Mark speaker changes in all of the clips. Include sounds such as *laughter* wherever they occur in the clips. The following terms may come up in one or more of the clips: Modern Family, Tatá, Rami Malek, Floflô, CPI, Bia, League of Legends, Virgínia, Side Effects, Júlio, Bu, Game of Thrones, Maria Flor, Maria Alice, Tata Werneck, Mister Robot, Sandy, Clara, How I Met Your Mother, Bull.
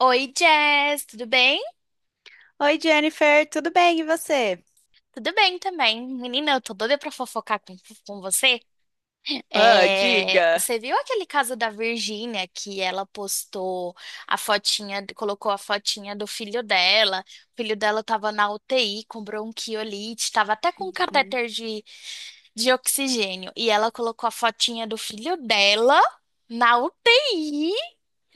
Speaker 1: Oi, Jess, tudo bem?
Speaker 2: Oi, Jennifer, tudo bem? E você?
Speaker 1: Tudo bem também. Menina, eu tô doida pra fofocar com você.
Speaker 2: Ah,
Speaker 1: É,
Speaker 2: diga.
Speaker 1: você viu aquele caso da Virgínia que ela postou a fotinha, colocou a fotinha do filho dela. O filho dela tava na UTI com bronquiolite, tava até com catéter de oxigênio. E ela colocou a fotinha do filho dela na UTI,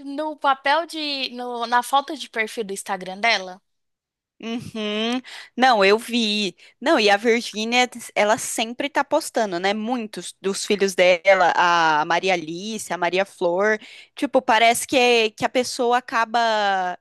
Speaker 1: no papel de, no- na foto de perfil do Instagram dela.
Speaker 2: Uhum. Não, eu vi. Não, e a Virgínia, ela sempre tá postando, né? Muitos dos filhos dela, a Maria Alice, a Maria Flor. Tipo, parece que, a pessoa acaba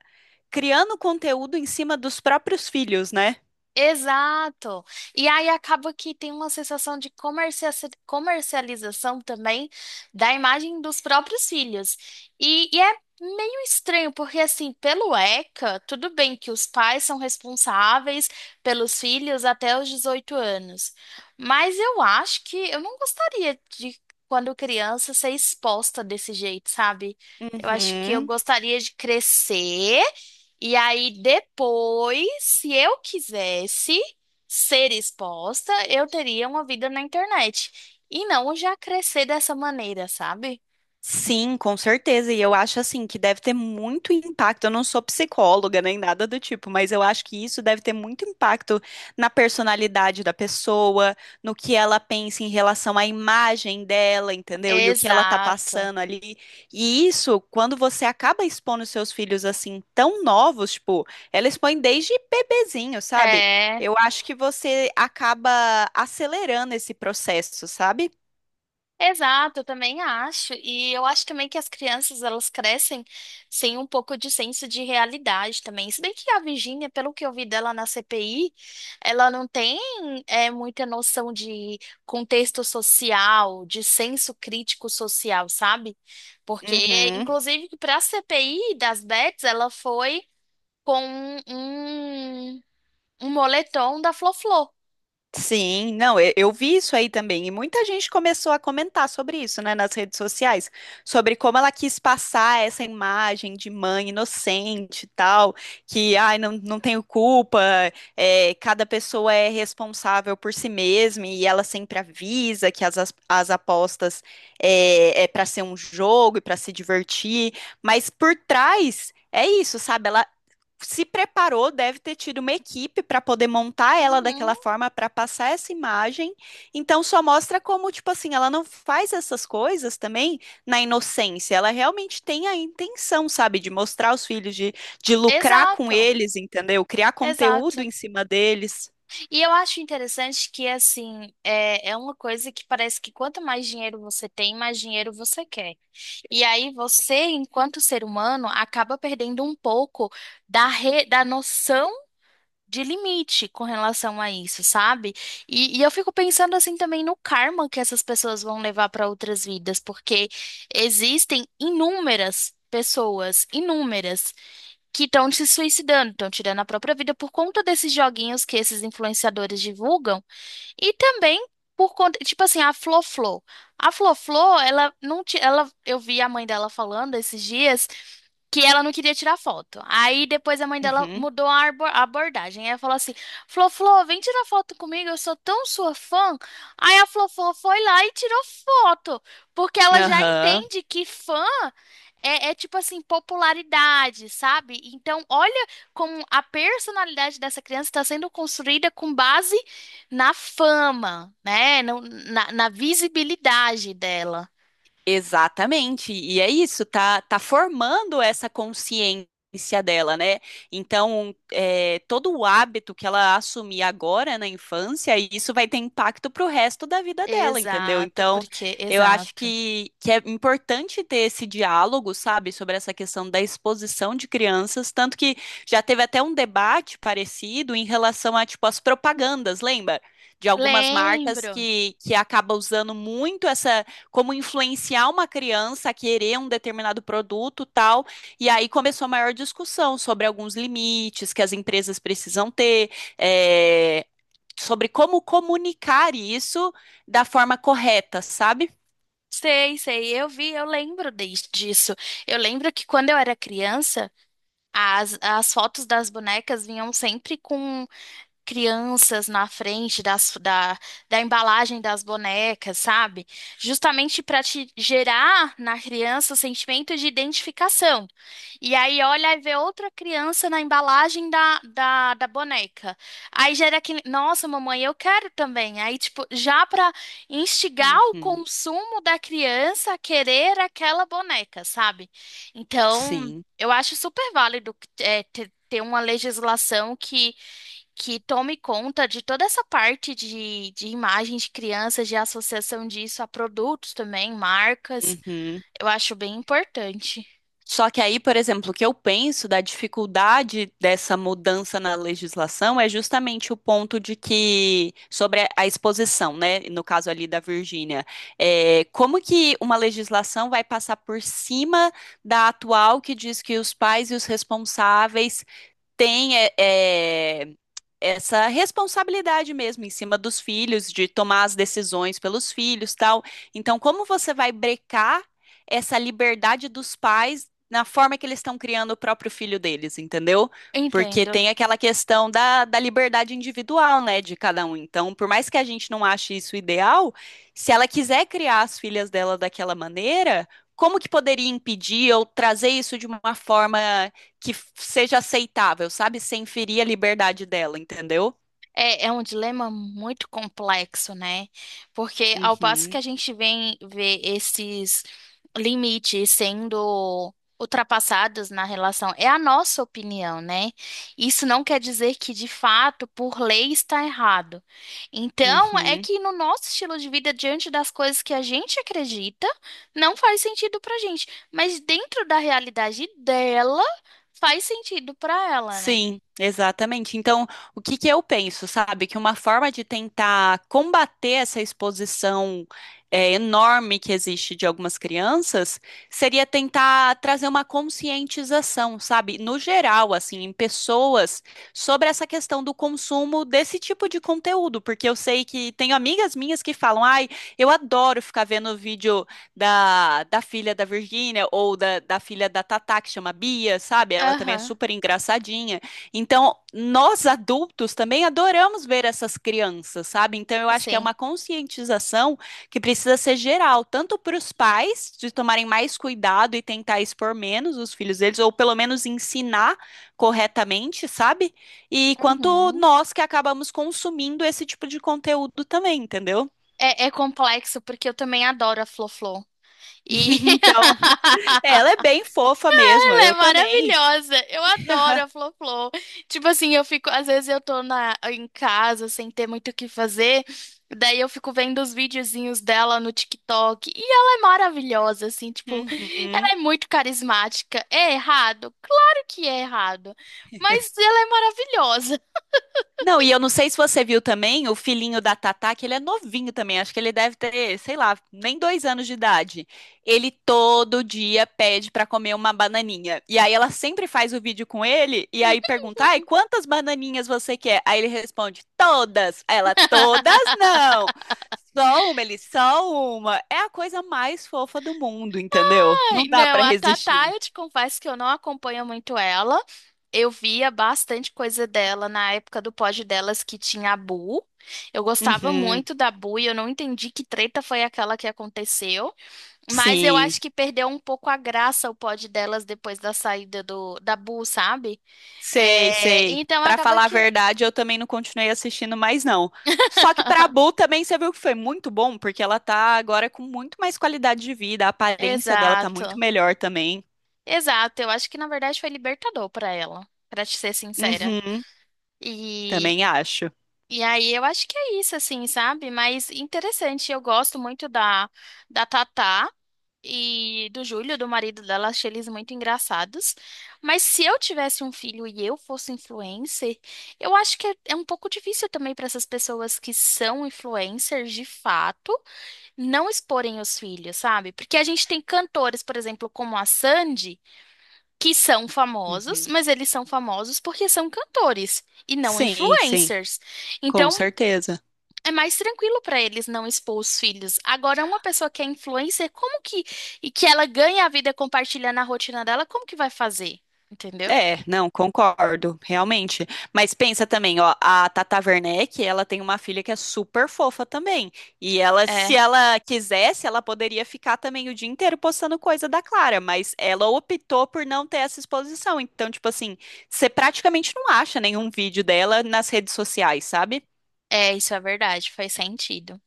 Speaker 2: criando conteúdo em cima dos próprios filhos, né?
Speaker 1: Exato. E aí acaba que tem uma sensação de comercialização também da imagem dos próprios filhos. E é meio estranho, porque assim, pelo ECA, tudo bem que os pais são responsáveis pelos filhos até os 18 anos. Mas eu acho que eu não gostaria de, quando criança, ser exposta desse jeito, sabe? Eu acho que eu
Speaker 2: Uhum.
Speaker 1: gostaria de crescer. E aí, depois, se eu quisesse ser exposta, eu teria uma vida na internet. E não já crescer dessa maneira, sabe?
Speaker 2: Sim, com certeza. E eu acho assim que deve ter muito impacto. Eu não sou psicóloga nem nada do tipo, mas eu acho que isso deve ter muito impacto na personalidade da pessoa, no que ela pensa em relação à imagem dela, entendeu? E o que ela tá
Speaker 1: Exato.
Speaker 2: passando ali. E isso, quando você acaba expondo seus filhos assim tão novos, tipo, ela expõe desde bebezinho, sabe?
Speaker 1: É.
Speaker 2: Eu acho que você acaba acelerando esse processo, sabe?
Speaker 1: Exato, eu também acho. E eu acho também que as crianças, elas crescem sem um pouco de senso de realidade também. Se bem que a Virgínia, pelo que eu vi dela na CPI, ela não tem muita noção de contexto social, de senso crítico social, sabe? Porque,
Speaker 2: Uhum.
Speaker 1: inclusive, para a CPI das Bets, ela foi com um moletom da Floflô.
Speaker 2: Sim, não, e- eu vi isso aí também, e muita gente começou a comentar sobre isso, né, nas redes sociais, sobre como ela quis passar essa imagem de mãe inocente e tal, que, ai, não tenho culpa, é, cada pessoa é responsável por si mesma, e ela sempre avisa que as apostas é para ser um jogo e para se divertir, mas por trás é isso, sabe? Ela se preparou, deve ter tido uma equipe para poder montar ela
Speaker 1: Uhum,
Speaker 2: daquela forma, para passar essa imagem. Então, só mostra como, tipo assim, ela não faz essas coisas também na inocência. Ela realmente tem a intenção, sabe, de mostrar os filhos, de lucrar com
Speaker 1: exato,
Speaker 2: eles, entendeu? Criar conteúdo
Speaker 1: exato.
Speaker 2: em cima deles.
Speaker 1: E eu acho interessante que, assim, é uma coisa que parece que quanto mais dinheiro você tem, mais dinheiro você quer. E aí você, enquanto ser humano, acaba perdendo um pouco da noção de limite com relação a isso, sabe? E eu fico pensando, assim, também no karma que essas pessoas vão levar para outras vidas, porque existem inúmeras pessoas, inúmeras que estão se suicidando, estão tirando a própria vida por conta desses joguinhos que esses influenciadores divulgam. E também por conta, tipo assim, a Flo-Flo. A Flo-Flo, ela não ti- ela eu vi a mãe dela falando esses dias que ela não queria tirar foto. Aí depois a mãe dela
Speaker 2: Uhum.
Speaker 1: mudou a abordagem. Ela falou assim: Flo, Flo, vem tirar foto comigo, eu sou tão sua fã. Aí a Flo, Flo foi lá e tirou foto, porque ela já
Speaker 2: Aham.
Speaker 1: entende que fã é tipo assim, popularidade, sabe? Então, olha como a personalidade dessa criança está sendo construída com base na fama, né? Na visibilidade dela.
Speaker 2: Exatamente, e é isso, tá formando essa consciência dela, né? Então, é, todo o hábito que ela assumir agora na infância, isso vai ter impacto pro resto da vida dela, entendeu?
Speaker 1: Exato,
Speaker 2: Então, eu acho
Speaker 1: exato.
Speaker 2: que é importante ter esse diálogo, sabe, sobre essa questão da exposição de crianças, tanto que já teve até um debate parecido em relação a, tipo, as propagandas, lembra? De algumas marcas
Speaker 1: Lembro.
Speaker 2: que acaba usando muito essa como influenciar uma criança a querer um determinado produto, tal. E aí começou a maior discussão sobre alguns limites que as empresas precisam ter, é, sobre como comunicar isso da forma correta, sabe?
Speaker 1: Sei, sei, eu vi, eu lembro disso. Eu lembro que quando eu era criança, as fotos das bonecas vinham sempre com crianças na frente da embalagem das bonecas, sabe? Justamente para te gerar na criança o sentimento de identificação. E aí olha e vê outra criança na embalagem da boneca. Aí gera aquele, nossa, mamãe, eu quero também. Aí, tipo, já para instigar o
Speaker 2: Uhum,
Speaker 1: consumo da criança a querer aquela boneca, sabe? Então,
Speaker 2: sim.
Speaker 1: eu acho super válido ter uma legislação que tome conta de toda essa parte de imagens de crianças, de associação disso a produtos também, marcas.
Speaker 2: Uhum.
Speaker 1: Eu acho bem importante.
Speaker 2: Só que aí, por exemplo, o que eu penso da dificuldade dessa mudança na legislação é justamente o ponto de que, sobre a exposição, né? No caso ali da Virgínia, é, como que uma legislação vai passar por cima da atual que diz que os pais e os responsáveis têm essa responsabilidade mesmo em cima dos filhos, de tomar as decisões pelos filhos, tal. Então, como você vai brecar essa liberdade dos pais na forma que eles estão criando o próprio filho deles, entendeu? Porque
Speaker 1: Entendo.
Speaker 2: tem aquela questão da, da liberdade individual, né, de cada um. Então, por mais que a gente não ache isso ideal, se ela quiser criar as filhas dela daquela maneira, como que poderia impedir ou trazer isso de uma forma que seja aceitável, sabe? Sem ferir a liberdade dela, entendeu?
Speaker 1: É um dilema muito complexo, né? Porque ao passo que
Speaker 2: Uhum,
Speaker 1: a gente vem ver esses limites sendo ultrapassados na relação, é a nossa opinião, né? Isso não quer dizer que de fato, por lei, está errado. Então, é
Speaker 2: uhum.
Speaker 1: que no nosso estilo de vida, diante das coisas que a gente acredita, não faz sentido pra gente, mas dentro da realidade dela, faz sentido pra ela, né?
Speaker 2: Sim, exatamente. Então, o que que eu penso, sabe? Que uma forma de tentar combater essa exposição é, enorme que existe de algumas crianças seria tentar trazer uma conscientização, sabe? No geral, assim, em pessoas, sobre essa questão do consumo desse tipo de conteúdo. Porque eu sei que tenho amigas minhas que falam, ai, eu adoro ficar vendo vídeo. Da, da filha da Virgínia ou da, da filha da Tatá, que chama Bia, sabe? Ela também é
Speaker 1: Aham,
Speaker 2: super engraçadinha. Então, nós adultos também adoramos ver essas crianças, sabe? Então, eu acho que é
Speaker 1: assim.
Speaker 2: uma conscientização que precisa ser geral, tanto para os pais de tomarem mais cuidado e tentar expor menos os filhos deles, ou pelo menos ensinar corretamente, sabe? E quanto
Speaker 1: Uhum.
Speaker 2: nós que acabamos consumindo esse tipo de conteúdo também, entendeu? *laughs*
Speaker 1: É complexo porque eu também adoro a Flo-Flo. E *laughs*
Speaker 2: Então. Ela é bem fofa mesmo,
Speaker 1: ela é
Speaker 2: eu também.
Speaker 1: maravilhosa. Eu adoro
Speaker 2: *laughs*
Speaker 1: a Flo-Flo. Tipo assim, eu fico, às vezes eu tô em casa sem ter muito o que fazer, daí eu fico vendo os videozinhos dela no TikTok e ela é maravilhosa, assim, tipo, ela
Speaker 2: Uhum.
Speaker 1: é muito carismática. É errado? Claro que é errado, mas ela é maravilhosa.
Speaker 2: Não, e eu não sei se você viu também o filhinho da Tatá, que ele é novinho também, acho que ele deve ter, sei lá, nem 2 anos de idade. Ele todo dia pede pra comer uma bananinha. E aí ela sempre faz o vídeo com ele, e aí pergunta, ai, quantas bananinhas você quer? Aí ele responde, todas. Aí ela, todas não.
Speaker 1: *laughs*
Speaker 2: Só uma, ele, só uma. É a coisa mais fofa do mundo, entendeu? Não
Speaker 1: Ai,
Speaker 2: dá
Speaker 1: não,
Speaker 2: pra
Speaker 1: a Tatá,
Speaker 2: resistir.
Speaker 1: eu te confesso que eu não acompanho muito ela. Eu via bastante coisa dela na época do pod delas que tinha a Bu. Eu gostava
Speaker 2: Uhum.
Speaker 1: muito da Bu e eu não entendi que treta foi aquela que aconteceu. Mas eu
Speaker 2: Sim,
Speaker 1: acho que perdeu um pouco a graça o pod delas depois da saída da Bu, sabe?
Speaker 2: sei,
Speaker 1: É,
Speaker 2: sei.
Speaker 1: então
Speaker 2: Pra
Speaker 1: acaba
Speaker 2: falar a
Speaker 1: que.
Speaker 2: verdade, eu também não continuei assistindo mais, não. Só que pra
Speaker 1: *laughs*
Speaker 2: Bull também você viu que foi muito bom, porque ela tá agora com muito mais qualidade de vida, a aparência dela tá muito
Speaker 1: Exato.
Speaker 2: melhor também.
Speaker 1: Exato. Eu acho que na verdade foi libertador pra ela, pra te ser sincera.
Speaker 2: Uhum,
Speaker 1: e
Speaker 2: também acho.
Speaker 1: E aí eu acho que é isso, assim, sabe? Mas interessante, eu gosto muito da Tatá e do Júlio, do marido dela, achei eles muito engraçados. Mas se eu tivesse um filho e eu fosse influencer, eu acho que é um pouco difícil também para essas pessoas que são influencers de fato não exporem os filhos, sabe? Porque a gente tem cantores, por exemplo, como a Sandy, que são famosos,
Speaker 2: Uhum.
Speaker 1: mas eles são famosos porque são cantores e não
Speaker 2: Sim,
Speaker 1: influencers.
Speaker 2: com
Speaker 1: Então,
Speaker 2: certeza.
Speaker 1: é mais tranquilo para eles não expor os filhos. Agora, uma pessoa que é influencer, como que e que ela ganha a vida compartilhando a rotina dela, como que vai fazer? Entendeu?
Speaker 2: É, não, concordo, realmente. Mas pensa também, ó, a Tata Werneck, ela tem uma filha que é super fofa também. E ela,
Speaker 1: É,
Speaker 2: se ela quisesse, ela poderia ficar também o dia inteiro postando coisa da Clara, mas ela optou por não ter essa exposição. Então, tipo assim, você praticamente não acha nenhum vídeo dela nas redes sociais, sabe?
Speaker 1: isso é verdade, faz sentido.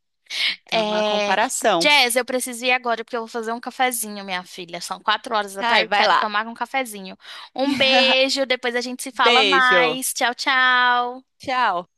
Speaker 2: Então, é uma
Speaker 1: É,
Speaker 2: comparação.
Speaker 1: Jazz, eu preciso ir agora porque eu vou fazer um cafezinho, minha filha. São 4 horas da
Speaker 2: Ai,
Speaker 1: tarde,
Speaker 2: vai
Speaker 1: quero
Speaker 2: lá.
Speaker 1: tomar um cafezinho. Um
Speaker 2: *laughs*
Speaker 1: beijo, depois a gente se fala
Speaker 2: Beijo.
Speaker 1: mais. Tchau, tchau.
Speaker 2: Tchau.